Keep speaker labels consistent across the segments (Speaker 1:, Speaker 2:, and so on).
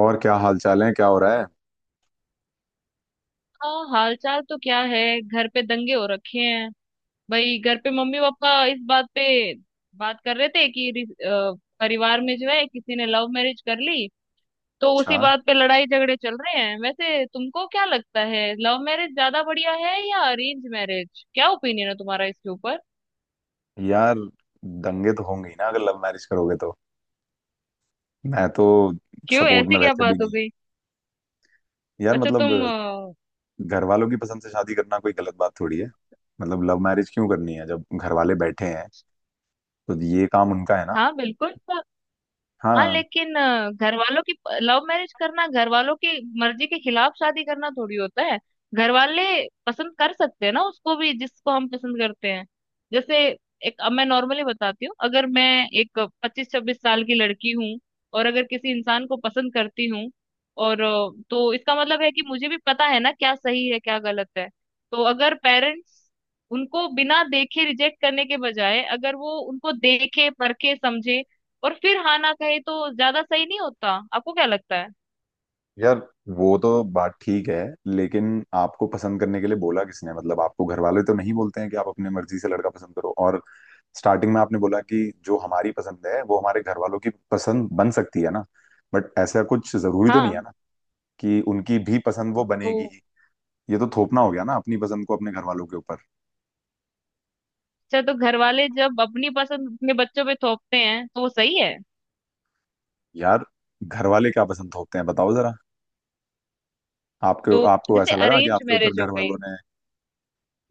Speaker 1: और क्या हाल चाल है? क्या हो रहा है?
Speaker 2: हाँ, हालचाल तो क्या है। घर पे दंगे हो रखे हैं भाई। घर पे मम्मी पापा इस बात पे बात कर रहे थे कि परिवार में जो है किसी ने लव मैरिज कर ली तो
Speaker 1: अच्छा।
Speaker 2: उसी बात पे लड़ाई झगड़े चल रहे हैं। वैसे तुमको क्या लगता है, लव मैरिज ज्यादा बढ़िया है या अरेंज मैरिज? क्या ओपिनियन है तुम्हारा इसके ऊपर?
Speaker 1: यार, दंगे तो होंगे ही ना अगर लव मैरिज करोगे तो। मैं तो
Speaker 2: क्यों,
Speaker 1: सपोर्ट में
Speaker 2: ऐसी क्या
Speaker 1: वैसे भी
Speaker 2: बात हो
Speaker 1: नहीं।
Speaker 2: गई?
Speaker 1: यार
Speaker 2: अच्छा तुम
Speaker 1: मतलब, घर वालों की पसंद से शादी करना कोई गलत बात थोड़ी है। मतलब लव मैरिज क्यों करनी है जब घर वाले बैठे हैं, तो ये काम उनका है ना।
Speaker 2: हाँ बिल्कुल। हाँ
Speaker 1: हाँ।
Speaker 2: लेकिन घर वालों की लव मैरिज करना घर वालों की मर्जी के खिलाफ शादी करना थोड़ी होता है। घर वाले पसंद कर सकते हैं ना उसको भी जिसको हम पसंद करते हैं। जैसे एक, अब मैं नॉर्मली बताती हूँ, अगर मैं एक पच्चीस छब्बीस साल की लड़की हूँ और अगर किसी इंसान को पसंद करती हूँ और तो इसका मतलब है कि मुझे भी पता है ना क्या सही है क्या गलत है। तो अगर पेरेंट्स उनको बिना देखे रिजेक्ट करने के बजाय अगर वो उनको देखे परखे समझे और फिर हाँ ना कहे तो ज्यादा सही नहीं होता? आपको क्या लगता है?
Speaker 1: यार, वो तो बात ठीक है, लेकिन आपको पसंद करने के लिए बोला किसने? मतलब आपको घर वाले तो नहीं बोलते हैं कि आप अपने मर्जी से लड़का पसंद करो। और स्टार्टिंग में आपने बोला कि जो हमारी पसंद है वो हमारे घर वालों की पसंद बन सकती है ना, बट ऐसा कुछ जरूरी तो नहीं है
Speaker 2: हाँ।
Speaker 1: ना कि उनकी भी पसंद वो बनेगी
Speaker 2: तो
Speaker 1: ही। ये तो थोपना हो गया ना, अपनी पसंद को अपने घर वालों के ऊपर।
Speaker 2: अच्छा, तो घर वाले जब अपनी पसंद अपने बच्चों पे थोपते हैं तो वो सही है?
Speaker 1: यार, घर वाले क्या पसंद थोपते हैं, बताओ जरा। आपके,
Speaker 2: तो
Speaker 1: आपको
Speaker 2: जैसे
Speaker 1: ऐसा लगा कि
Speaker 2: अरेंज
Speaker 1: आपके ऊपर
Speaker 2: मैरिज हो
Speaker 1: घर वालों
Speaker 2: गई।
Speaker 1: ने?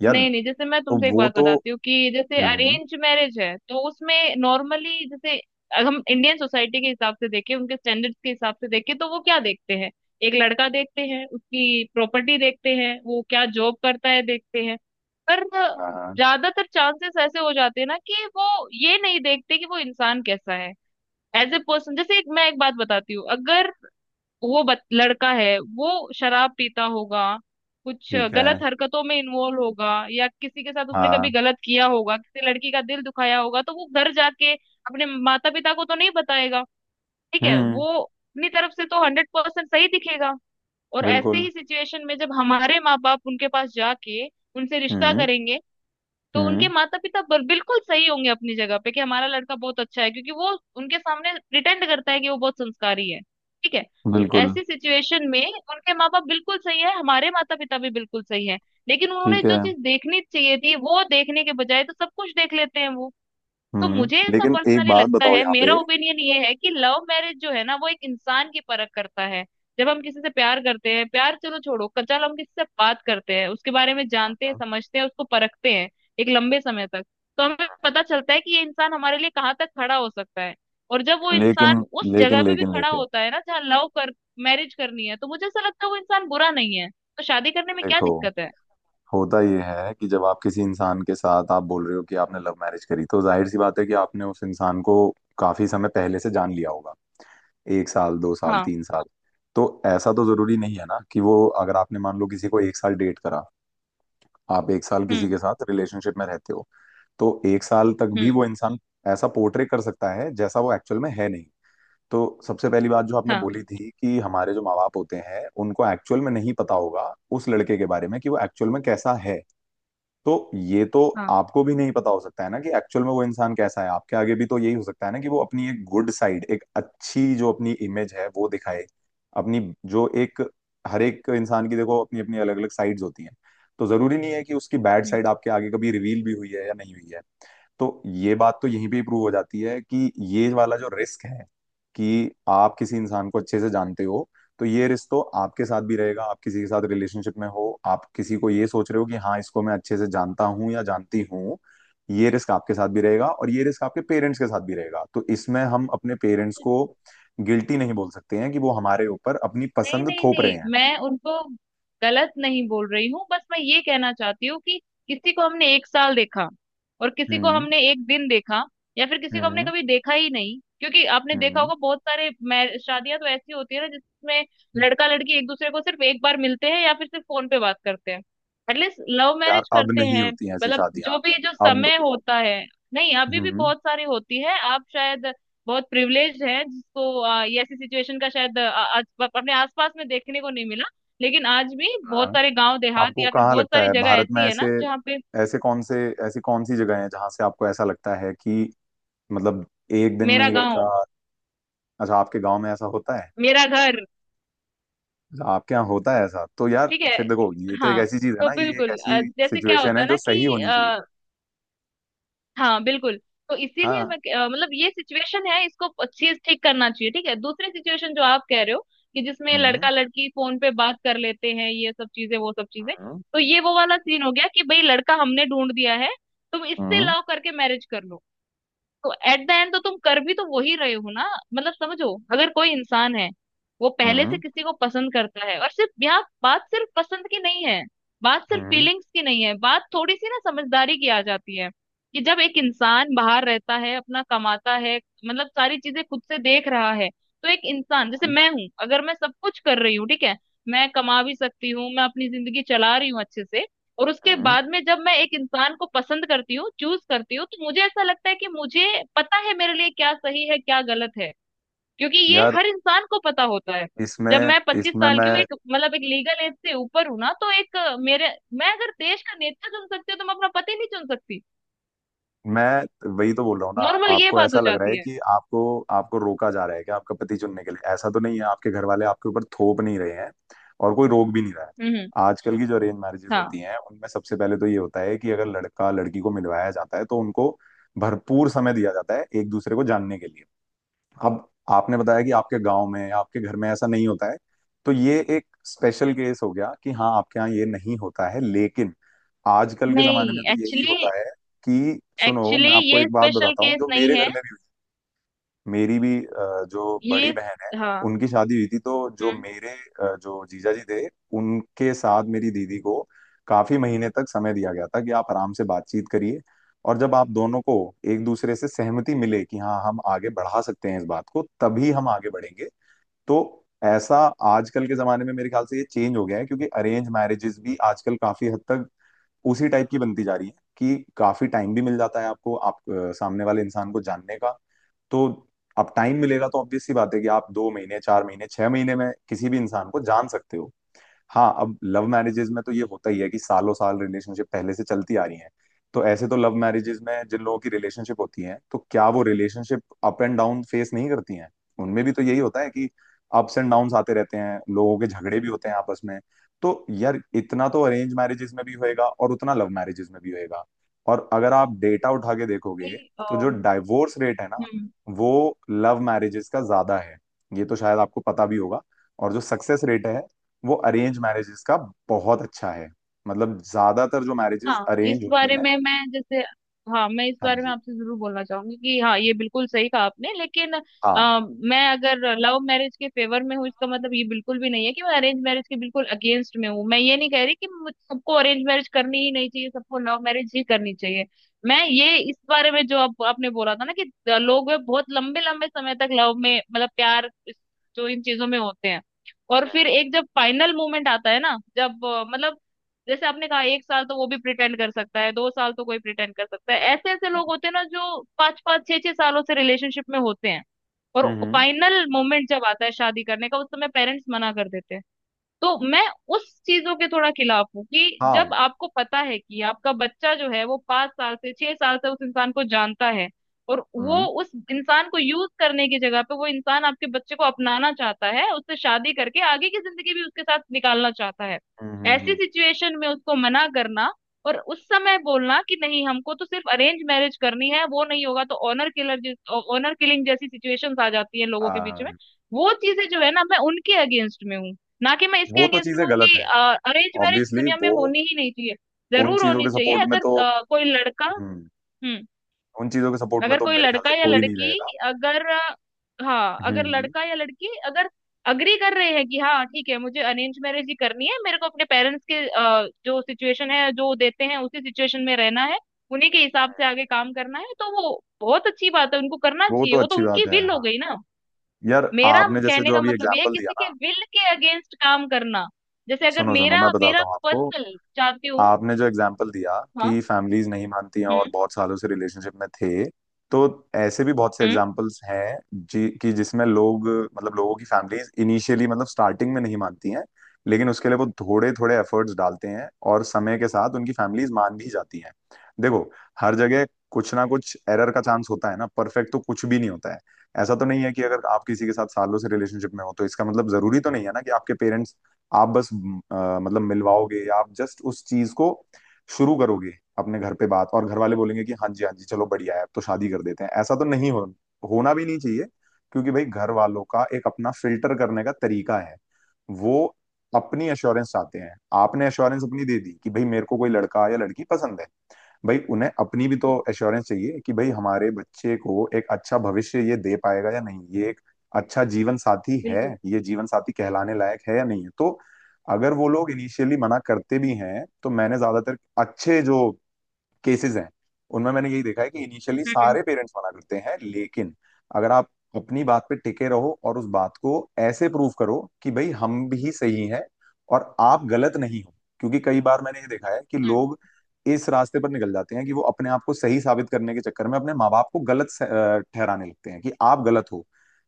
Speaker 1: यार,
Speaker 2: नहीं नहीं, जैसे मैं
Speaker 1: तो
Speaker 2: तुमसे एक
Speaker 1: वो
Speaker 2: बात
Speaker 1: तो,
Speaker 2: बताती हूँ कि जैसे
Speaker 1: हम्म।
Speaker 2: अरेंज मैरिज है तो उसमें नॉर्मली जैसे अगर हम इंडियन सोसाइटी के हिसाब से देखें, उनके स्टैंडर्ड्स के हिसाब से देखें, तो वो क्या देखते हैं। एक लड़का देखते हैं, उसकी प्रॉपर्टी देखते हैं, वो क्या जॉब करता है देखते हैं। पर
Speaker 1: हाँ हाँ,
Speaker 2: ज्यादातर चांसेस ऐसे हो जाते हैं ना कि वो ये नहीं देखते कि वो इंसान कैसा है एज ए पर्सन। जैसे एक, मैं एक बात बताती हूँ, अगर लड़का है वो शराब पीता होगा, कुछ
Speaker 1: ठीक है।
Speaker 2: गलत हरकतों में इन्वॉल्व होगा या किसी के साथ उसने कभी
Speaker 1: हाँ।
Speaker 2: गलत किया होगा, किसी लड़की का दिल दुखाया होगा, तो वो घर जाके अपने माता पिता को तो नहीं बताएगा। ठीक है,
Speaker 1: हम्म,
Speaker 2: वो अपनी तरफ से तो हंड्रेड परसेंट सही दिखेगा। और ऐसे
Speaker 1: बिल्कुल।
Speaker 2: ही सिचुएशन में जब हमारे माँ बाप उनके पास जाके उनसे रिश्ता
Speaker 1: हम्म।
Speaker 2: करेंगे तो उनके
Speaker 1: हम्म,
Speaker 2: माता पिता बिल्कुल सही होंगे अपनी जगह पे कि हमारा लड़का बहुत अच्छा है क्योंकि वो उनके सामने प्रिटेंड करता है कि वो बहुत संस्कारी है। ठीक है।
Speaker 1: बिल्कुल।
Speaker 2: ऐसी सिचुएशन में उनके माँ बाप बिल्कुल सही है, हमारे माता पिता भी बिल्कुल सही है। लेकिन उन्होंने
Speaker 1: ठीक
Speaker 2: जो
Speaker 1: है।
Speaker 2: चीज देखनी चाहिए थी वो देखने के बजाय तो सब कुछ देख लेते हैं वो। तो मुझे
Speaker 1: हम्म।
Speaker 2: ऐसा
Speaker 1: लेकिन एक
Speaker 2: पर्सनली
Speaker 1: बात
Speaker 2: लगता
Speaker 1: बताओ
Speaker 2: है,
Speaker 1: यहाँ
Speaker 2: मेरा
Speaker 1: पे।
Speaker 2: ओपिनियन ये है कि लव मैरिज जो है ना वो एक इंसान की परख करता है। जब हम किसी से प्यार करते हैं, प्यार चलो छोड़ो कच्चा, हम किसी से बात करते हैं, उसके बारे में जानते हैं समझते हैं, उसको परखते हैं एक लंबे समय तक। तो हमें पता चलता है कि ये इंसान हमारे लिए कहाँ तक खड़ा हो सकता है। और जब वो इंसान
Speaker 1: लेकिन
Speaker 2: उस
Speaker 1: लेकिन
Speaker 2: जगह पे भी
Speaker 1: लेकिन
Speaker 2: खड़ा
Speaker 1: लेकिन
Speaker 2: होता है ना जहाँ लव कर मैरिज करनी है, तो मुझे ऐसा लगता है वो इंसान बुरा नहीं है तो शादी करने में क्या
Speaker 1: देखो,
Speaker 2: दिक्कत है?
Speaker 1: होता यह है कि जब आप किसी इंसान के साथ, आप बोल रहे हो कि आपने लव मैरिज करी, तो जाहिर सी बात है कि आपने उस इंसान को काफी समय पहले से जान लिया होगा। एक साल, 2 साल,
Speaker 2: हाँ।
Speaker 1: 3 साल। तो ऐसा तो जरूरी नहीं है ना कि वो, अगर आपने मान लो किसी को एक साल डेट करा, आप एक साल किसी
Speaker 2: हम्म।
Speaker 1: के साथ रिलेशनशिप में रहते हो, तो एक साल तक भी
Speaker 2: हम्म।
Speaker 1: वो इंसान ऐसा पोर्ट्रे कर सकता है जैसा वो एक्चुअल में है नहीं। तो सबसे पहली बात जो आपने
Speaker 2: हाँ।
Speaker 1: बोली थी कि हमारे जो माँ बाप होते हैं उनको एक्चुअल में नहीं पता होगा उस लड़के के बारे में कि वो एक्चुअल में कैसा है, तो ये तो
Speaker 2: हाँ।
Speaker 1: आपको भी नहीं पता हो सकता है ना कि एक्चुअल में वो इंसान कैसा है। आपके आगे भी तो यही हो सकता है ना कि वो अपनी एक गुड साइड, एक अच्छी जो अपनी इमेज है वो दिखाए। अपनी जो एक हर एक इंसान की देखो अपनी अपनी अलग अलग साइड्स होती हैं, तो जरूरी नहीं है कि उसकी बैड
Speaker 2: हम्म।
Speaker 1: साइड आपके आगे कभी रिवील भी हुई है या नहीं हुई है। तो ये बात तो यहीं पे ही प्रूव हो जाती है कि ये वाला जो रिस्क है कि आप किसी इंसान को अच्छे से जानते हो, तो ये रिस्क तो आपके साथ भी रहेगा। आप किसी के साथ रिलेशनशिप में हो, आप किसी को ये सोच रहे हो कि हाँ इसको मैं अच्छे से जानता हूँ या जानती हूँ, ये रिस्क आपके साथ भी रहेगा और ये रिस्क आपके पेरेंट्स के साथ भी रहेगा। तो इसमें हम अपने पेरेंट्स को गिल्टी नहीं बोल सकते हैं कि वो हमारे ऊपर अपनी
Speaker 2: नहीं
Speaker 1: पसंद
Speaker 2: नहीं
Speaker 1: थोप रहे
Speaker 2: नहीं,
Speaker 1: हैं।
Speaker 2: मैं उनको गलत नहीं बोल रही हूँ, बस मैं ये कहना चाहती हूँ कि किसी को हमने एक साल देखा और किसी को
Speaker 1: हम्म।
Speaker 2: हमने एक दिन देखा या फिर किसी को हमने
Speaker 1: हम्म।
Speaker 2: कभी देखा ही नहीं, क्योंकि आपने देखा
Speaker 1: हम्म।
Speaker 2: होगा बहुत सारे शादियां तो ऐसी होती है ना जिसमें लड़का लड़की एक दूसरे को सिर्फ एक बार मिलते हैं या फिर सिर्फ फोन पे बात करते हैं। एटलीस्ट लव
Speaker 1: यार,
Speaker 2: मैरिज
Speaker 1: अब
Speaker 2: करते
Speaker 1: नहीं
Speaker 2: हैं
Speaker 1: होती हैं ऐसी
Speaker 2: मतलब
Speaker 1: शादियां।
Speaker 2: जो भी जो
Speaker 1: अब,
Speaker 2: समय होता है। नहीं, अभी भी
Speaker 1: हम्म।
Speaker 2: बहुत सारी होती है, आप शायद बहुत प्रिविलेज है जिसको ये ऐसी सिचुएशन का शायद आज अपने आसपास में देखने को नहीं मिला। लेकिन आज भी बहुत
Speaker 1: हाँ।
Speaker 2: सारे गांव देहात
Speaker 1: आपको
Speaker 2: या फिर
Speaker 1: कहाँ
Speaker 2: बहुत
Speaker 1: लगता
Speaker 2: सारी
Speaker 1: है
Speaker 2: जगह
Speaker 1: भारत में
Speaker 2: ऐसी है
Speaker 1: ऐसे
Speaker 2: ना जहाँ पे।
Speaker 1: ऐसे कौन से ऐसी कौन सी जगह है जहां से आपको ऐसा लगता है कि, मतलब एक दिन में
Speaker 2: मेरा
Speaker 1: ही
Speaker 2: गांव।
Speaker 1: लड़का? अच्छा, आपके गांव में ऐसा होता है?
Speaker 2: मेरा घर।
Speaker 1: अच्छा, आपके यहाँ होता है ऐसा? तो यार,
Speaker 2: ठीक है।
Speaker 1: फिर देखो, ये तो एक
Speaker 2: हाँ।
Speaker 1: ऐसी चीज है
Speaker 2: तो
Speaker 1: ना, ये एक
Speaker 2: बिल्कुल
Speaker 1: ऐसी
Speaker 2: जैसे क्या
Speaker 1: सिचुएशन
Speaker 2: होता
Speaker 1: है
Speaker 2: है
Speaker 1: जो
Speaker 2: ना कि।
Speaker 1: सही होनी चाहिए।
Speaker 2: हाँ बिल्कुल। तो इसीलिए
Speaker 1: हाँ।
Speaker 2: मैं मतलब ये सिचुएशन है, इसको चीज ठीक करना चाहिए। ठीक है, दूसरी सिचुएशन जो आप कह रहे हो, कि जिसमें
Speaker 1: हम्म।
Speaker 2: लड़का लड़की फोन पे बात कर लेते हैं, ये सब चीजें वो सब चीजें।
Speaker 1: हम्म।
Speaker 2: तो ये वो वाला सीन हो गया कि भाई लड़का हमने ढूंढ दिया है, तुम इससे
Speaker 1: हम्म।
Speaker 2: लव करके मैरिज कर लो। तो एट द एंड तो तुम कर भी तो वही रहे हो ना। मतलब समझो, अगर कोई इंसान है वो पहले से
Speaker 1: हम्म।
Speaker 2: किसी को पसंद करता है और सिर्फ यहाँ बात सिर्फ पसंद की नहीं है, बात सिर्फ
Speaker 1: हम्म।
Speaker 2: फीलिंग्स की नहीं है, बात थोड़ी सी ना समझदारी की आ जाती है कि जब एक इंसान बाहर रहता है, अपना कमाता है, मतलब सारी चीजें खुद से देख रहा है। तो एक इंसान जैसे
Speaker 1: हम्म,
Speaker 2: मैं हूँ, अगर मैं सब कुछ कर रही हूँ, ठीक है, मैं कमा भी सकती हूँ, मैं अपनी जिंदगी चला रही हूँ अच्छे से, और उसके
Speaker 1: हम्म।
Speaker 2: बाद में जब मैं एक इंसान को पसंद करती हूँ, चूज करती हूँ, तो मुझे ऐसा लगता है कि मुझे पता है मेरे लिए क्या सही है क्या गलत है, क्योंकि ये
Speaker 1: यार,
Speaker 2: हर इंसान को पता होता है। जब
Speaker 1: इसमें
Speaker 2: मैं पच्चीस
Speaker 1: इसमें
Speaker 2: साल की हूँ,
Speaker 1: मैं
Speaker 2: एक मतलब एक लीगल एज से ऊपर हूँ ना, तो एक मेरे, मैं अगर देश का नेता चुन सकती हूँ तो मैं अपना पति नहीं चुन सकती?
Speaker 1: मैं वही तो बोल रहा हूँ ना।
Speaker 2: नॉर्मल ये
Speaker 1: आपको
Speaker 2: बात
Speaker 1: ऐसा
Speaker 2: हो
Speaker 1: लग रहा है
Speaker 2: जाती है।
Speaker 1: कि आपको आपको रोका जा रहा है कि आपका पति चुनने के लिए? ऐसा तो नहीं है, आपके घर वाले आपके ऊपर थोप नहीं रहे हैं, और कोई रोक भी नहीं रहा है।
Speaker 2: हम्म।
Speaker 1: आजकल की जो अरेंज मैरिजेज
Speaker 2: हाँ।
Speaker 1: होती हैं उनमें सबसे पहले तो ये होता है कि अगर लड़का लड़की को मिलवाया जाता है तो उनको भरपूर समय दिया जाता है एक दूसरे को जानने के लिए। अब, आपने बताया कि आपके गांव में, आपके घर में ऐसा नहीं होता है, तो ये एक स्पेशल केस हो गया कि हाँ आपके यहाँ ये नहीं होता है, लेकिन आजकल के जमाने
Speaker 2: नहीं
Speaker 1: में तो यही
Speaker 2: एक्चुअली
Speaker 1: होता है कि, सुनो,
Speaker 2: एक्चुअली
Speaker 1: मैं आपको
Speaker 2: ये
Speaker 1: एक बात
Speaker 2: स्पेशल
Speaker 1: बताता हूँ
Speaker 2: केस
Speaker 1: जो
Speaker 2: नहीं
Speaker 1: मेरे घर
Speaker 2: है।
Speaker 1: में भी हुई। मेरी भी जो
Speaker 2: ये।
Speaker 1: बड़ी बहन है,
Speaker 2: हाँ।
Speaker 1: उनकी शादी हुई थी, तो जो
Speaker 2: हम्म।
Speaker 1: मेरे जो जीजा जी थे, उनके साथ मेरी दीदी को काफी महीने तक समय दिया गया था कि आप आराम से बातचीत करिए, और जब आप दोनों को एक दूसरे से सहमति मिले कि हाँ हम आगे बढ़ा सकते हैं इस बात को, तभी हम आगे बढ़ेंगे। तो ऐसा, आजकल के जमाने में मेरे ख्याल से ये चेंज हो गया है, क्योंकि अरेंज मैरिजेस भी आजकल काफी हद तक उसी टाइप की बनती जा रही है कि काफी टाइम भी मिल जाता है आपको, आप सामने वाले इंसान को जानने का। तो अब टाइम मिलेगा, तो ऑब्वियस सी बात है कि आप 2 महीने, 4 महीने, 6 महीने में किसी भी इंसान को जान सकते हो। हाँ, अब लव मैरिजेज में तो ये होता ही है कि सालों साल रिलेशनशिप पहले से चलती आ रही है, तो ऐसे तो लव मैरिजेज में जिन लोगों की रिलेशनशिप होती है, तो क्या वो relationship up and down face नहीं करती हैं? उनमें भी तो यही होता है कि अप्स एंड डाउन्स आते रहते हैं, लोगों के झगड़े भी होते हैं आपस में। तो यार, इतना तो अरेंज मैरिजेज में भी होएगा और उतना लव मैरिजेज में भी होएगा। और अगर आप डेटा उठा के
Speaker 2: अभी,
Speaker 1: देखोगे, तो जो डाइवोर्स रेट है ना,
Speaker 2: हम्म।
Speaker 1: वो लव मैरिजेस का ज्यादा है, ये तो शायद आपको पता भी होगा। और जो सक्सेस रेट है, वो अरेंज मैरिजेस का बहुत अच्छा है। मतलब ज्यादातर जो मैरिजेस
Speaker 2: हाँ, इस
Speaker 1: अरेंज होती
Speaker 2: बारे
Speaker 1: हैं।
Speaker 2: में मैं जैसे। हाँ, मैं इस
Speaker 1: हाँ
Speaker 2: बारे में
Speaker 1: जी।
Speaker 2: आपसे जरूर बोलना चाहूंगी कि हाँ ये बिल्कुल सही कहा आपने, लेकिन
Speaker 1: हाँ।
Speaker 2: अ, मैं अगर लव मैरिज के फेवर में हूँ, इसका मतलब ये बिल्कुल भी नहीं है कि मैं अरेंज मैरिज के बिल्कुल अगेंस्ट में हूँ। मैं ये नहीं कह रही कि सबको अरेंज मैरिज करनी ही नहीं चाहिए, सबको लव मैरिज ही करनी चाहिए। मैं ये इस बारे में, जो आपने बोला था ना, कि लोग वे बहुत लंबे लंबे समय तक लव में, मतलब प्यार, जो इन चीजों में होते हैं, और फिर
Speaker 1: हम्म।
Speaker 2: एक जब फाइनल मोमेंट आता है ना, जब मतलब, जैसे आपने कहा एक साल तो वो भी प्रिटेंड कर सकता है, दो साल तो कोई प्रिटेंड कर सकता है, ऐसे ऐसे लोग होते हैं ना जो पांच पांच छह छह सालों से रिलेशनशिप में होते हैं। और
Speaker 1: हम्म,
Speaker 2: फाइनल मोमेंट जब आता है शादी करने का, उस समय पेरेंट्स मना कर देते हैं। तो मैं उस चीजों के थोड़ा खिलाफ हूँ कि
Speaker 1: हाँ।
Speaker 2: जब आपको पता है कि आपका बच्चा जो है वो पांच साल से छह साल से उस इंसान को जानता है और वो
Speaker 1: हम्म।
Speaker 2: उस इंसान को यूज करने की जगह पे वो इंसान आपके बच्चे को अपनाना चाहता है, उससे शादी करके आगे की जिंदगी भी उसके साथ निकालना चाहता है, ऐसी
Speaker 1: हम्म।
Speaker 2: सिचुएशन में उसको मना करना और उस समय बोलना कि नहीं हमको तो सिर्फ अरेंज मैरिज करनी है, वो नहीं होगा तो ऑनर किलिंग जैसी सिचुएशंस आ जाती है लोगों के बीच में।
Speaker 1: हाँ,
Speaker 2: वो चीजें जो है ना, मैं उनके अगेंस्ट में हूँ, ना कि मैं इसके
Speaker 1: वो तो
Speaker 2: अगेंस्ट
Speaker 1: चीजें
Speaker 2: में हूँ
Speaker 1: गलत
Speaker 2: कि
Speaker 1: हैं,
Speaker 2: अरेंज मैरिज
Speaker 1: ऑब्वियसली
Speaker 2: दुनिया में
Speaker 1: वो,
Speaker 2: होनी ही नहीं चाहिए।
Speaker 1: उन
Speaker 2: जरूर
Speaker 1: चीजों के
Speaker 2: होनी चाहिए,
Speaker 1: सपोर्ट में
Speaker 2: अगर
Speaker 1: तो,
Speaker 2: कोई लड़का।
Speaker 1: हम्म,
Speaker 2: हम्म।
Speaker 1: उन चीजों के सपोर्ट में
Speaker 2: अगर
Speaker 1: तो
Speaker 2: कोई
Speaker 1: मेरे ख्याल
Speaker 2: लड़का
Speaker 1: से
Speaker 2: या
Speaker 1: कोई नहीं
Speaker 2: लड़की,
Speaker 1: रहेगा।
Speaker 2: अगर हाँ, अगर
Speaker 1: हम्म।
Speaker 2: लड़का या लड़की अगर अग्री कर रहे हैं कि हाँ ठीक है मुझे अरेंज मैरिज ही करनी है, मेरे को अपने पेरेंट्स के जो सिचुएशन है जो देते हैं उसी सिचुएशन में रहना है, उन्हीं के हिसाब से आगे काम करना है, तो वो बहुत अच्छी बात है, उनको करना
Speaker 1: वो
Speaker 2: चाहिए,
Speaker 1: तो
Speaker 2: वो तो
Speaker 1: अच्छी
Speaker 2: उनकी
Speaker 1: बात है,
Speaker 2: विल हो
Speaker 1: हाँ।
Speaker 2: गई ना।
Speaker 1: यार,
Speaker 2: मेरा
Speaker 1: आपने जैसे
Speaker 2: कहने
Speaker 1: जो
Speaker 2: का
Speaker 1: अभी
Speaker 2: मतलब ये है
Speaker 1: एग्जांपल दिया
Speaker 2: किसी के
Speaker 1: ना,
Speaker 2: विल के अगेंस्ट काम करना। जैसे अगर
Speaker 1: सुनो सुनो,
Speaker 2: मेरा
Speaker 1: मैं बताता
Speaker 2: मेरा
Speaker 1: हूँ आपको।
Speaker 2: पर्सनल चाहती हूँ।
Speaker 1: आपने जो एग्जाम्पल दिया
Speaker 2: हाँ।
Speaker 1: कि फैमिलीज नहीं मानती हैं और
Speaker 2: हम्म।
Speaker 1: बहुत सालों से रिलेशनशिप में थे, तो ऐसे भी बहुत से
Speaker 2: हम्म।
Speaker 1: एग्जाम्पल्स हैं जी, कि जिसमें लोग, मतलब लोगों की फैमिलीज इनिशियली, मतलब स्टार्टिंग में नहीं मानती हैं, लेकिन उसके लिए वो थोड़े थोड़े एफर्ट्स डालते हैं और समय के साथ उनकी फैमिलीज मान भी जाती हैं। देखो, हर जगह कुछ ना कुछ एरर का चांस होता है ना, परफेक्ट तो कुछ भी नहीं होता है। ऐसा तो नहीं है कि अगर आप किसी के साथ सालों से रिलेशनशिप में हो तो इसका मतलब जरूरी तो नहीं है ना कि आपके पेरेंट्स, आप बस मतलब मिलवाओगे, या आप जस्ट उस चीज को शुरू करोगे अपने घर पे बात, और घर वाले बोलेंगे कि हाँ जी हाँ जी चलो बढ़िया है, अब तो शादी कर देते हैं। ऐसा तो नहीं होना भी नहीं चाहिए। क्योंकि भाई, घर वालों का एक अपना फिल्टर करने का तरीका है। वो अपनी अश्योरेंस चाहते हैं। आपने अश्योरेंस अपनी दे दी कि भाई मेरे को कोई लड़का या लड़की पसंद है, भाई उन्हें अपनी भी तो
Speaker 2: हम्म,
Speaker 1: एश्योरेंस चाहिए कि भाई हमारे बच्चे को एक अच्छा भविष्य ये दे पाएगा या नहीं, ये एक अच्छा जीवन साथी है,
Speaker 2: बिल्कुल।
Speaker 1: ये जीवन साथी कहलाने लायक है या नहीं है। तो अगर वो लोग इनिशियली मना करते भी हैं, तो मैंने ज्यादातर अच्छे जो केसेस हैं, उनमें मैंने यही देखा है कि इनिशियली
Speaker 2: हम्म।
Speaker 1: सारे पेरेंट्स मना करते हैं, लेकिन अगर आप अपनी बात पे टिके रहो और उस बात को ऐसे प्रूव करो कि भाई हम भी सही हैं और आप गलत नहीं हो। क्योंकि कई बार मैंने ये देखा है कि
Speaker 2: हम्म।
Speaker 1: लोग इस रास्ते पर निकल जाते हैं कि वो अपने आप को सही साबित करने के चक्कर में अपने माँ बाप को गलत ठहराने लगते हैं कि आप गलत हो।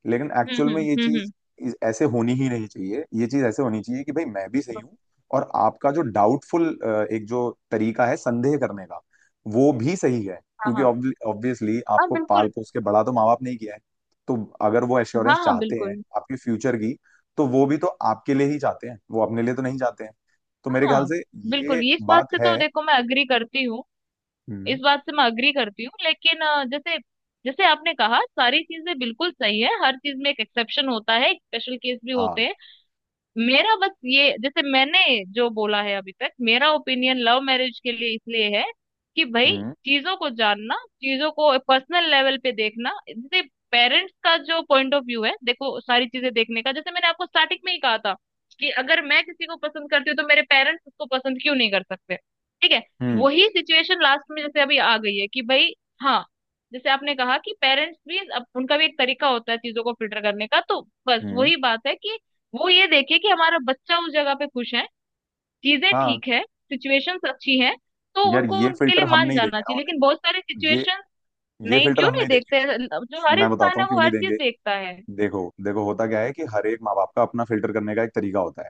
Speaker 1: लेकिन
Speaker 2: हम्म।
Speaker 1: एक्चुअल
Speaker 2: हम्म।
Speaker 1: में ये चीज ऐसे होनी ही नहीं चाहिए। ये चीज ऐसे होनी चाहिए कि भाई मैं भी सही हूँ, और आपका जो डाउटफुल, एक जो तरीका है संदेह करने का, वो भी सही है,
Speaker 2: हाँ।
Speaker 1: क्योंकि
Speaker 2: हाँ।
Speaker 1: ऑब्वियसली
Speaker 2: हाँ
Speaker 1: आपको पाल
Speaker 2: बिल्कुल।
Speaker 1: पोस के बड़ा तो माँ बाप नहीं किया है। तो अगर वो
Speaker 2: हाँ।
Speaker 1: एश्योरेंस
Speaker 2: हाँ
Speaker 1: चाहते हैं
Speaker 2: बिल्कुल।
Speaker 1: आपके फ्यूचर की, तो वो भी तो आपके लिए ही चाहते हैं, वो अपने लिए तो नहीं चाहते हैं। तो मेरे ख्याल
Speaker 2: हाँ
Speaker 1: से,
Speaker 2: बिल्कुल,
Speaker 1: ये
Speaker 2: ये इस बात
Speaker 1: बात
Speaker 2: से तो
Speaker 1: है।
Speaker 2: देखो मैं अग्री करती हूँ। इस
Speaker 1: हम्म।
Speaker 2: बात से मैं अग्री करती हूँ, लेकिन जैसे जैसे आपने कहा, सारी चीजें बिल्कुल सही है, हर चीज में एक एक्सेप्शन होता है, स्पेशल केस भी होते
Speaker 1: हाँ।
Speaker 2: हैं। मेरा बस ये, जैसे मैंने जो बोला है अभी तक, मेरा ओपिनियन लव मैरिज के लिए इसलिए है कि भाई
Speaker 1: हम्म।
Speaker 2: चीजों को जानना, चीजों को पर्सनल लेवल पे देखना, जैसे पेरेंट्स का जो पॉइंट ऑफ व्यू है, देखो सारी चीजें देखने का, जैसे मैंने आपको स्टार्टिंग में ही कहा था कि अगर मैं किसी को पसंद करती हूँ तो मेरे पेरेंट्स उसको पसंद क्यों नहीं कर सकते। ठीक है।
Speaker 1: हम्म।
Speaker 2: वही सिचुएशन लास्ट में जैसे अभी आ गई है कि भाई, हाँ, जैसे आपने कहा कि पेरेंट्स भी, अब उनका भी एक तरीका होता है चीजों को फिल्टर करने का, तो बस
Speaker 1: हम्म।
Speaker 2: वही बात है कि वो ये देखे कि हमारा बच्चा उस जगह पे खुश है, चीजें
Speaker 1: हाँ।
Speaker 2: ठीक है, सिचुएशंस अच्छी है, तो
Speaker 1: यार,
Speaker 2: उनको
Speaker 1: ये
Speaker 2: उनके
Speaker 1: फिल्टर
Speaker 2: लिए
Speaker 1: हम
Speaker 2: मान
Speaker 1: नहीं
Speaker 2: जाना
Speaker 1: देंगे ना
Speaker 2: चाहिए, लेकिन बहुत सारे
Speaker 1: उन्हें, ये
Speaker 2: सिचुएशंस
Speaker 1: ये
Speaker 2: नहीं
Speaker 1: फिल्टर
Speaker 2: क्यों
Speaker 1: हम
Speaker 2: नहीं
Speaker 1: नहीं देंगे।
Speaker 2: देखते। जो हर
Speaker 1: मैं बताता
Speaker 2: इंसान है
Speaker 1: हूँ क्यों
Speaker 2: वो
Speaker 1: नहीं
Speaker 2: हर चीज
Speaker 1: देंगे।
Speaker 2: देखता है।
Speaker 1: देखो देखो, होता क्या है कि हर एक माँ बाप का अपना फिल्टर करने का एक तरीका होता है।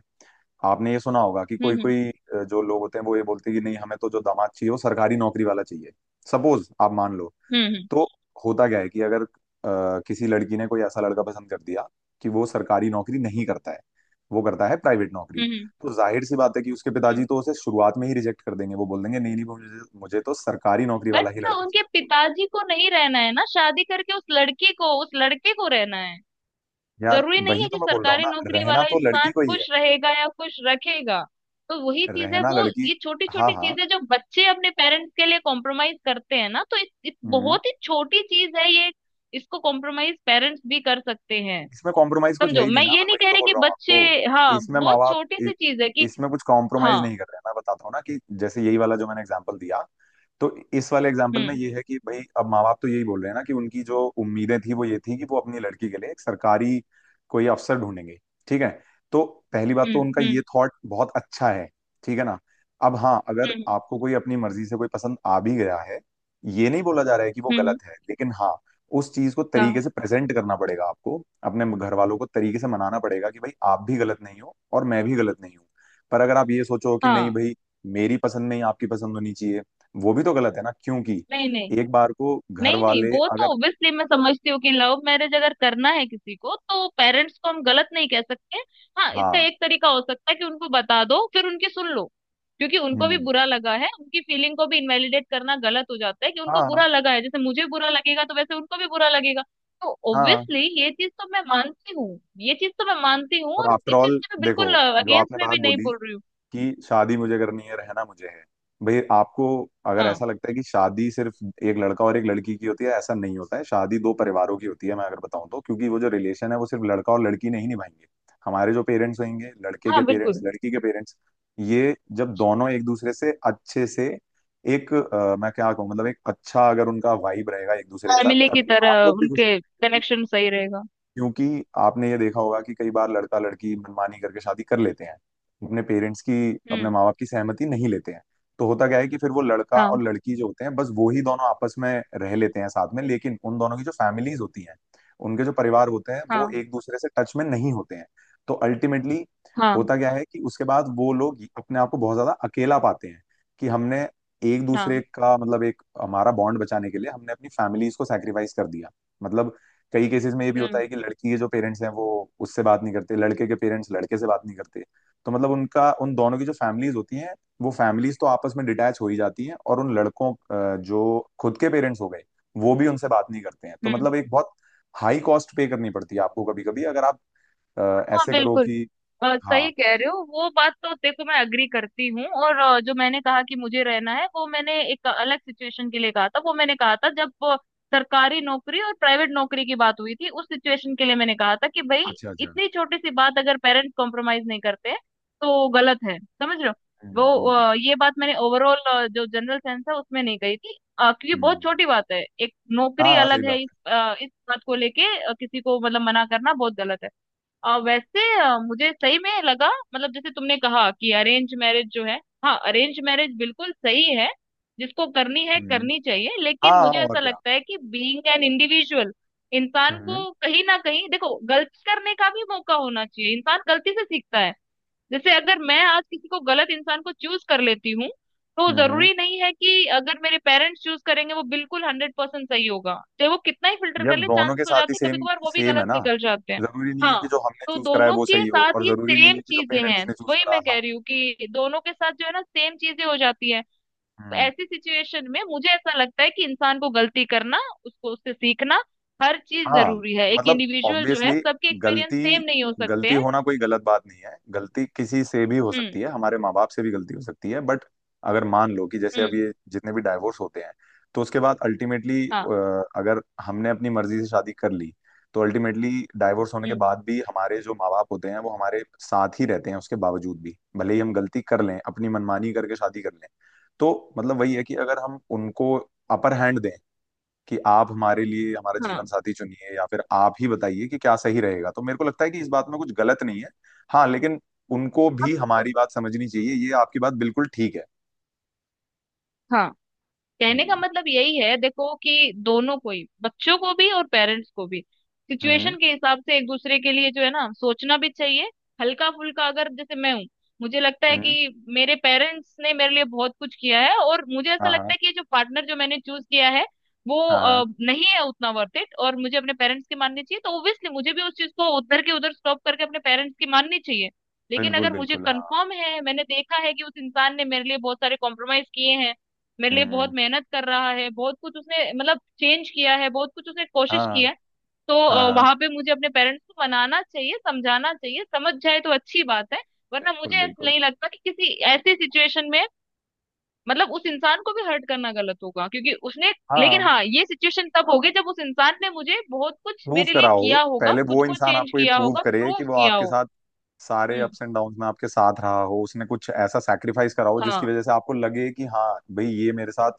Speaker 1: आपने ये सुना होगा कि कोई
Speaker 2: हम्म।
Speaker 1: कोई जो लोग होते हैं वो ये बोलते हैं कि नहीं हमें तो जो दामाद चाहिए वो सरकारी नौकरी वाला चाहिए। सपोज आप मान लो,
Speaker 2: हम्म। हम्म।
Speaker 1: तो होता क्या है कि अगर किसी लड़की ने कोई ऐसा लड़का पसंद कर दिया कि वो सरकारी नौकरी नहीं करता है, वो करता है प्राइवेट नौकरी।
Speaker 2: हम्म। हम्म।
Speaker 1: तो जाहिर सी बात है कि उसके
Speaker 2: हम्म।
Speaker 1: पिताजी
Speaker 2: हम्म।
Speaker 1: तो उसे शुरुआत में ही रिजेक्ट कर देंगे। वो बोल देंगे नहीं नहीं मुझे मुझे तो सरकारी नौकरी वाला ही
Speaker 2: बट
Speaker 1: लड़का
Speaker 2: उनके
Speaker 1: चाहिए।
Speaker 2: पिताजी को नहीं रहना है ना, शादी करके उस लड़की को उस लड़के को रहना है।
Speaker 1: यार
Speaker 2: जरूरी नहीं
Speaker 1: वही
Speaker 2: है
Speaker 1: तो
Speaker 2: कि
Speaker 1: मैं बोल रहा हूँ
Speaker 2: सरकारी
Speaker 1: ना।
Speaker 2: नौकरी
Speaker 1: रहना
Speaker 2: वाला
Speaker 1: तो
Speaker 2: इंसान
Speaker 1: लड़की को ही है।
Speaker 2: खुश रहेगा या खुश रखेगा। तो वही चीज है,
Speaker 1: रहना
Speaker 2: वो
Speaker 1: लड़की।
Speaker 2: ये छोटी
Speaker 1: हाँ
Speaker 2: छोटी
Speaker 1: हाँ।
Speaker 2: चीजें जो बच्चे अपने पेरेंट्स के लिए कॉम्प्रोमाइज करते हैं ना, तो इस
Speaker 1: हम्म,
Speaker 2: बहुत ही छोटी चीज है ये। इसको कॉम्प्रोमाइज पेरेंट्स भी कर सकते हैं।
Speaker 1: इसमें कॉम्प्रोमाइज कुछ है
Speaker 2: समझो
Speaker 1: ही नहीं
Speaker 2: मैं
Speaker 1: ना।
Speaker 2: ये
Speaker 1: मैं
Speaker 2: नहीं
Speaker 1: वही
Speaker 2: कह
Speaker 1: तो
Speaker 2: रही
Speaker 1: बोल
Speaker 2: कि
Speaker 1: रहा हूँ
Speaker 2: बच्चे।
Speaker 1: आपको।
Speaker 2: हाँ,
Speaker 1: इसमें माँ
Speaker 2: बहुत
Speaker 1: बाप
Speaker 2: छोटी सी चीज है कि।
Speaker 1: इसमें कुछ कॉम्प्रोमाइज
Speaker 2: हाँ।
Speaker 1: नहीं कर रहे हैं। मैं बताता हूँ ना कि जैसे यही वाला जो मैंने एग्जांपल दिया, तो इस वाले एग्जाम्पल में
Speaker 2: हम्म।
Speaker 1: ये है कि भाई अब माँ बाप तो यही बोल रहे हैं ना कि उनकी जो उम्मीदें थी वो ये थी कि वो अपनी लड़की के लिए एक सरकारी कोई अफसर ढूंढेंगे। ठीक है। तो पहली बात
Speaker 2: हम्म।
Speaker 1: तो उनका
Speaker 2: हम्म।
Speaker 1: ये थॉट बहुत अच्छा है। ठीक है ना। अब हाँ, अगर
Speaker 2: हम्म।
Speaker 1: आपको कोई अपनी मर्जी से कोई पसंद आ भी गया है, ये नहीं बोला जा रहा है कि वो
Speaker 2: हम्म।
Speaker 1: गलत है। लेकिन हाँ, उस चीज को तरीके
Speaker 2: हाँ।
Speaker 1: से प्रेजेंट करना पड़ेगा आपको। अपने घर वालों को तरीके से मनाना पड़ेगा कि भाई आप भी गलत नहीं हो और मैं भी गलत नहीं हूँ। पर अगर आप ये सोचो कि नहीं
Speaker 2: हाँ।
Speaker 1: भाई, मेरी पसंद नहीं आपकी पसंद होनी चाहिए, वो भी तो गलत है ना। क्योंकि
Speaker 2: नहीं, नहीं।
Speaker 1: एक बार को घर
Speaker 2: नहीं, नहीं,
Speaker 1: वाले
Speaker 2: वो
Speaker 1: अगर।
Speaker 2: तो ऑब्वियसली मैं समझती हूँ कि लव मैरिज अगर करना है किसी को, तो पेरेंट्स को हम गलत नहीं कह सकते। हाँ, इसका
Speaker 1: हाँ।
Speaker 2: एक तरीका हो सकता है कि उनको बता दो फिर उनकी सुन लो। क्योंकि उनको भी
Speaker 1: हम्म।
Speaker 2: बुरा लगा है, उनकी फीलिंग को भी इनवैलिडेट करना गलत हो जाता है कि उनको
Speaker 1: हाँ
Speaker 2: बुरा लगा है, जैसे मुझे बुरा लगेगा तो वैसे उनको भी बुरा लगेगा। तो
Speaker 1: हाँ।
Speaker 2: ऑब्वियसली ये चीज तो मैं मानती हूँ। ये चीज तो मैं मानती हूँ
Speaker 1: और
Speaker 2: और
Speaker 1: आफ्टर
Speaker 2: इस चीज
Speaker 1: ऑल
Speaker 2: से मैं बिल्कुल
Speaker 1: देखो, जो
Speaker 2: अगेंस्ट
Speaker 1: आपने
Speaker 2: में भी
Speaker 1: बात
Speaker 2: नहीं
Speaker 1: बोली
Speaker 2: बोल रही हूँ।
Speaker 1: कि शादी मुझे करनी है, रहना मुझे है। भाई आपको अगर
Speaker 2: हाँ,
Speaker 1: ऐसा लगता है कि शादी सिर्फ एक लड़का और एक लड़की की होती है, ऐसा नहीं होता है। शादी दो परिवारों की होती है मैं अगर बताऊं तो। क्योंकि वो जो रिलेशन है वो सिर्फ लड़का और लड़की नहीं निभाएंगे। हमारे जो पेरेंट्स होंगे, लड़के
Speaker 2: हाँ,
Speaker 1: के पेरेंट्स,
Speaker 2: बिल्कुल।
Speaker 1: लड़की के पेरेंट्स, ये जब दोनों एक दूसरे से अच्छे से, एक मैं क्या कहूँ, मतलब एक अच्छा अगर उनका वाइब रहेगा एक दूसरे के साथ,
Speaker 2: फैमिली की
Speaker 1: तभी
Speaker 2: तरह
Speaker 1: आप लोग भी खुश
Speaker 2: उनके
Speaker 1: रहोगे।
Speaker 2: कनेक्शन सही रहेगा।
Speaker 1: क्योंकि आपने ये देखा होगा कि कई बार लड़का लड़की मनमानी करके शादी कर लेते हैं, अपने पेरेंट्स की, अपने
Speaker 2: हम्म।
Speaker 1: माँ बाप की सहमति नहीं लेते हैं। तो होता क्या है कि फिर वो लड़का और
Speaker 2: हाँ।
Speaker 1: लड़की जो होते हैं, बस वो ही दोनों आपस में रह लेते हैं साथ में। लेकिन उन दोनों की जो फैमिलीज होती हैं, उनके जो परिवार होते हैं, वो
Speaker 2: हाँ।
Speaker 1: एक दूसरे से टच में नहीं होते हैं। तो अल्टीमेटली
Speaker 2: हाँ।
Speaker 1: होता क्या है कि उसके बाद वो लोग अपने आप को बहुत ज्यादा अकेला पाते हैं। कि हमने एक दूसरे
Speaker 2: हाँ।
Speaker 1: का मतलब एक हमारा बॉन्ड बचाने के लिए हमने अपनी फैमिलीज को सैक्रिफाइस कर दिया। मतलब कई केसेस में ये भी होता
Speaker 2: हम्म।
Speaker 1: है कि लड़की के जो पेरेंट्स हैं वो उससे बात नहीं करते, लड़के के पेरेंट्स लड़के से बात नहीं करते। तो मतलब उनका, उन दोनों की जो फैमिलीज होती हैं, वो फैमिलीज तो आपस में डिटैच हो ही जाती हैं। और उन लड़कों जो खुद के पेरेंट्स हो गए, वो भी उनसे बात नहीं करते हैं। तो
Speaker 2: हम्म।
Speaker 1: मतलब एक बहुत हाई कॉस्ट पे करनी पड़ती है आपको कभी कभी। अगर आप
Speaker 2: हाँ, हाँ,
Speaker 1: ऐसे करो
Speaker 2: बिल्कुल।
Speaker 1: कि। हाँ।
Speaker 2: सही कह रहे हो। वो बात तो देखो, मैं अग्री करती हूँ। और जो मैंने कहा कि मुझे रहना है, वो मैंने एक अलग सिचुएशन के लिए कहा था। वो मैंने कहा था जब सरकारी नौकरी और प्राइवेट नौकरी की बात हुई थी, उस सिचुएशन के लिए मैंने कहा था कि भाई
Speaker 1: अच्छा अच्छा।
Speaker 2: इतनी छोटी सी बात अगर पेरेंट्स कॉम्प्रोमाइज नहीं करते हैं, तो गलत है, समझ रहे हो। वो
Speaker 1: हम्म।
Speaker 2: ये बात मैंने ओवरऑल जो जनरल सेंस है उसमें नहीं कही थी, क्योंकि बहुत
Speaker 1: हम्म।
Speaker 2: छोटी बात है, एक
Speaker 1: हाँ
Speaker 2: नौकरी
Speaker 1: हाँ, सही
Speaker 2: अलग है,
Speaker 1: बात
Speaker 2: इस
Speaker 1: है।
Speaker 2: अ, इस बात को लेके किसी को मतलब मना करना बहुत गलत है। वैसे मुझे सही में लगा, मतलब जैसे तुमने कहा कि अरेंज मैरिज जो है। हाँ, अरेंज मैरिज बिल्कुल सही है। जिसको करनी है
Speaker 1: हम्म।
Speaker 2: करनी चाहिए, लेकिन
Speaker 1: हाँ
Speaker 2: मुझे
Speaker 1: और
Speaker 2: ऐसा
Speaker 1: क्या।
Speaker 2: लगता है कि बीइंग एन इंडिविजुअल इंसान
Speaker 1: हम्म
Speaker 2: को कहीं ना कहीं, देखो, गलती करने का भी मौका होना चाहिए। इंसान गलती से सीखता है। जैसे अगर मैं आज किसी को गलत इंसान को चूज कर लेती हूँ, तो
Speaker 1: हम्म।
Speaker 2: जरूरी नहीं है कि अगर मेरे पेरेंट्स चूज करेंगे वो बिल्कुल 100% सही होगा। चाहे वो कितना ही फिल्टर
Speaker 1: यार
Speaker 2: कर ले,
Speaker 1: दोनों
Speaker 2: चांसेस
Speaker 1: के
Speaker 2: हो
Speaker 1: साथ ही
Speaker 2: जाते हैं, कभी
Speaker 1: सेम
Speaker 2: कभार वो भी
Speaker 1: सेम है
Speaker 2: गलत
Speaker 1: ना।
Speaker 2: निकल जाते हैं।
Speaker 1: जरूरी नहीं है कि
Speaker 2: हाँ।
Speaker 1: जो हमने
Speaker 2: तो
Speaker 1: चूज करा है
Speaker 2: दोनों
Speaker 1: वो
Speaker 2: के
Speaker 1: सही हो,
Speaker 2: साथ
Speaker 1: और
Speaker 2: ये
Speaker 1: जरूरी नहीं
Speaker 2: सेम
Speaker 1: है कि जो
Speaker 2: चीजें
Speaker 1: पेरेंट्स
Speaker 2: हैं।
Speaker 1: ने चूज
Speaker 2: वही
Speaker 1: करा।
Speaker 2: मैं
Speaker 1: हाँ।
Speaker 2: कह रही हूँ कि दोनों के साथ जो है ना, सेम चीजें हो जाती है। तो
Speaker 1: हम्म।
Speaker 2: ऐसी सिचुएशन में मुझे ऐसा लगता है कि इंसान को गलती करना, उसको उससे सीखना, हर चीज
Speaker 1: हाँ।
Speaker 2: जरूरी है। एक
Speaker 1: मतलब
Speaker 2: इंडिविजुअल जो है,
Speaker 1: ऑब्वियसली,
Speaker 2: सबके एक्सपीरियंस
Speaker 1: गलती,
Speaker 2: सेम नहीं हो सकते
Speaker 1: गलती
Speaker 2: हैं।
Speaker 1: होना कोई गलत बात नहीं है। गलती किसी से भी हो
Speaker 2: हम्म।
Speaker 1: सकती है, हमारे माँ बाप से भी गलती हो सकती है। बट अगर मान लो कि जैसे अब
Speaker 2: हम्म।
Speaker 1: ये जितने भी डाइवोर्स होते हैं, तो उसके बाद अल्टीमेटली,
Speaker 2: हाँ।
Speaker 1: अगर हमने अपनी मर्जी से शादी कर ली, तो अल्टीमेटली डाइवोर्स होने के
Speaker 2: हम्म।
Speaker 1: बाद भी हमारे जो माँ बाप होते हैं वो हमारे साथ ही रहते हैं, उसके बावजूद भी भले ही हम गलती कर लें अपनी मनमानी करके शादी कर लें। तो मतलब वही है कि अगर हम उनको अपर हैंड दें कि आप हमारे लिए हमारा
Speaker 2: हाँ।
Speaker 1: जीवन साथी चुनिए, या फिर आप ही बताइए कि क्या सही रहेगा, तो मेरे को लगता है कि इस बात में कुछ गलत नहीं है। हाँ लेकिन उनको भी हमारी
Speaker 2: अब-
Speaker 1: बात समझनी चाहिए, ये आपकी बात बिल्कुल ठीक है।
Speaker 2: हाँ, कहने का
Speaker 1: हम्म
Speaker 2: मतलब यही है, देखो कि दोनों को ही, बच्चों को भी और पेरेंट्स को भी,
Speaker 1: हम्म।
Speaker 2: सिचुएशन के हिसाब से एक दूसरे के लिए जो है ना, सोचना भी चाहिए। हल्का फुल्का, अगर जैसे मैं हूँ, मुझे लगता है
Speaker 1: हम्म,
Speaker 2: कि मेरे पेरेंट्स ने मेरे लिए बहुत कुछ किया है और मुझे ऐसा
Speaker 1: हाँ हाँ।
Speaker 2: लगता है कि ये जो पार्टनर जो मैंने चूज किया है वो
Speaker 1: हाँ हाँ।
Speaker 2: नहीं है उतना वर्थ इट, और मुझे अपने पेरेंट्स की माननी चाहिए, तो ओब्वियसली मुझे भी उस चीज को उधर के उधर स्टॉप करके अपने पेरेंट्स की माननी चाहिए। लेकिन
Speaker 1: बिल्कुल
Speaker 2: अगर मुझे
Speaker 1: बिल्कुल हाँ।
Speaker 2: कंफर्म है, मैंने देखा है कि उस इंसान ने मेरे लिए बहुत सारे कॉम्प्रोमाइज किए हैं, मेरे लिए बहुत
Speaker 1: हम्म।
Speaker 2: मेहनत कर रहा है, बहुत कुछ उसने मतलब चेंज किया है, बहुत कुछ उसने कोशिश
Speaker 1: हाँ
Speaker 2: किया है, तो
Speaker 1: हाँ हाँ।
Speaker 2: वहां पे मुझे अपने पेरेंट्स को मनाना चाहिए, समझाना चाहिए, समझ जाए तो अच्छी बात है। वरना
Speaker 1: बिल्कुल
Speaker 2: मुझे ऐसा
Speaker 1: बिल्कुल
Speaker 2: नहीं लगता कि किसी ऐसी सिचुएशन में, मतलब उस इंसान को भी हर्ट करना गलत होगा, क्योंकि उसने। लेकिन
Speaker 1: हाँ।
Speaker 2: हाँ, ये सिचुएशन तब होगी जब उस इंसान ने मुझे बहुत कुछ
Speaker 1: प्रूव
Speaker 2: मेरे लिए
Speaker 1: कराओ
Speaker 2: किया होगा,
Speaker 1: पहले।
Speaker 2: खुद
Speaker 1: वो
Speaker 2: को
Speaker 1: इंसान
Speaker 2: चेंज
Speaker 1: आपको ये
Speaker 2: किया
Speaker 1: प्रूव
Speaker 2: होगा,
Speaker 1: करे
Speaker 2: प्रूव
Speaker 1: कि वो
Speaker 2: किया
Speaker 1: आपके
Speaker 2: हो।
Speaker 1: साथ सारे
Speaker 2: हम्म।
Speaker 1: अप्स एंड डाउन्स में आपके साथ रहा हो, उसने कुछ ऐसा सैक्रिफाइस करा हो जिसकी
Speaker 2: हाँ।
Speaker 1: वजह से आपको लगे कि हाँ भाई, ये मेरे साथ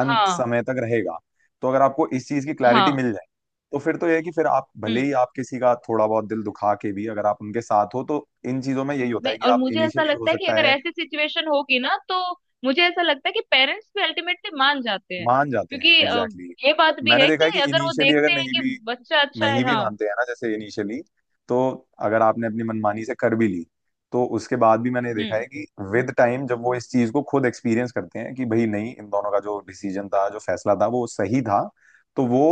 Speaker 1: अंत
Speaker 2: हाँ।
Speaker 1: समय तक रहेगा। तो अगर आपको इस चीज की क्लैरिटी
Speaker 2: हाँ।
Speaker 1: मिल जाए, तो फिर तो यह है कि फिर आप भले
Speaker 2: हम्म।
Speaker 1: ही आप किसी का थोड़ा बहुत दिल दुखा के भी अगर आप उनके साथ हो, तो इन चीजों में यही होता
Speaker 2: नहीं,
Speaker 1: है कि
Speaker 2: और
Speaker 1: आप
Speaker 2: मुझे ऐसा
Speaker 1: इनिशियली हो
Speaker 2: लगता है कि
Speaker 1: सकता
Speaker 2: अगर
Speaker 1: है
Speaker 2: ऐसी सिचुएशन होगी ना, तो मुझे ऐसा लगता है कि पेरेंट्स भी अल्टीमेटली मान जाते हैं।
Speaker 1: मान जाते हैं,
Speaker 2: क्योंकि
Speaker 1: एग्जैक्टली exactly।
Speaker 2: ये बात भी
Speaker 1: मैंने
Speaker 2: है
Speaker 1: देखा है
Speaker 2: कि
Speaker 1: कि
Speaker 2: अगर वो
Speaker 1: इनिशियली अगर
Speaker 2: देखते हैं
Speaker 1: नहीं
Speaker 2: कि
Speaker 1: भी,
Speaker 2: बच्चा अच्छा
Speaker 1: नहीं
Speaker 2: है।
Speaker 1: भी
Speaker 2: हाँ।
Speaker 1: मानते हैं ना जैसे इनिशियली। तो अगर आपने अपनी मनमानी से कर भी ली, तो उसके बाद भी मैंने देखा
Speaker 2: हम्म।
Speaker 1: है कि विद टाइम जब वो इस चीज को खुद एक्सपीरियंस करते हैं कि भाई नहीं, इन दोनों का जो डिसीजन था, जो फैसला था, वो सही था। तो वो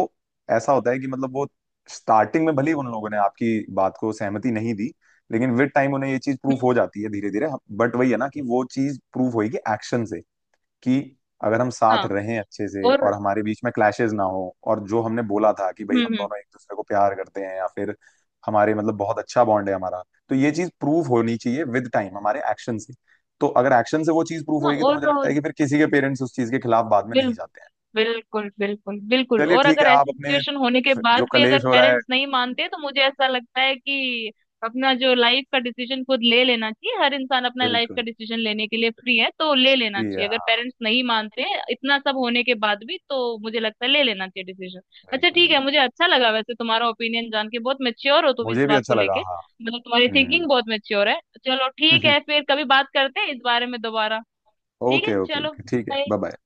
Speaker 1: ऐसा होता है कि मतलब वो स्टार्टिंग में भले ही उन लोगों ने आपकी बात को सहमति नहीं दी, लेकिन विद टाइम उन्हें ये चीज प्रूफ
Speaker 2: हम्म।
Speaker 1: हो जाती है धीरे धीरे। बट वही है ना कि वो चीज प्रूफ होगी एक्शन से। कि अगर हम साथ
Speaker 2: हाँ।
Speaker 1: रहें अच्छे से और
Speaker 2: और।
Speaker 1: हमारे बीच में क्लैशेस ना हो, और जो हमने बोला था कि भाई
Speaker 2: हम्म।
Speaker 1: हम
Speaker 2: हम्म।
Speaker 1: दोनों एक दूसरे को प्यार करते हैं, या फिर हमारे मतलब बहुत अच्छा बॉन्ड है हमारा, तो ये चीज प्रूव होनी चाहिए विद टाइम हमारे एक्शन से। तो अगर एक्शन से वो चीज प्रूव
Speaker 2: हाँ
Speaker 1: होगी, तो मुझे
Speaker 2: और
Speaker 1: लगता है कि फिर किसी के पेरेंट्स उस चीज के खिलाफ बाद में नहीं
Speaker 2: बिल्कुल।
Speaker 1: जाते हैं।
Speaker 2: बिल्कुल, बिल्कुल, बिल्कुल,
Speaker 1: चलिए
Speaker 2: और
Speaker 1: ठीक
Speaker 2: अगर
Speaker 1: है आप
Speaker 2: ऐसी
Speaker 1: अपने
Speaker 2: सिचुएशन होने के बाद
Speaker 1: जो
Speaker 2: भी अगर
Speaker 1: कलेश हो रहा है।
Speaker 2: पेरेंट्स नहीं मानते, तो मुझे ऐसा लगता है कि अपना जो लाइफ का डिसीजन खुद ले लेना चाहिए। हर इंसान अपना लाइफ का
Speaker 1: बिल्कुल।
Speaker 2: डिसीजन लेने के लिए फ्री है, तो ले लेना
Speaker 1: जी
Speaker 2: चाहिए। अगर
Speaker 1: हाँ।
Speaker 2: पेरेंट्स नहीं मानते हैं इतना सब होने के बाद भी, तो मुझे लगता है ले लेना चाहिए डिसीजन। अच्छा,
Speaker 1: बिल्कुल
Speaker 2: ठीक है,
Speaker 1: बिल्कुल।
Speaker 2: मुझे अच्छा लगा वैसे तुम्हारा ओपिनियन जान के। बहुत मेच्योर हो तुम इस
Speaker 1: मुझे भी
Speaker 2: बात
Speaker 1: अच्छा
Speaker 2: को
Speaker 1: लगा।
Speaker 2: लेके,
Speaker 1: हाँ।
Speaker 2: मतलब तुम्हारी
Speaker 1: हम्म।
Speaker 2: थिंकिंग बहुत मेच्योर है। चलो ठीक है, फिर कभी बात करते हैं इस बारे में दोबारा। ठीक है,
Speaker 1: ओके ओके
Speaker 2: चलो
Speaker 1: ओके, ठीक है।
Speaker 2: बाय।
Speaker 1: Bye bye.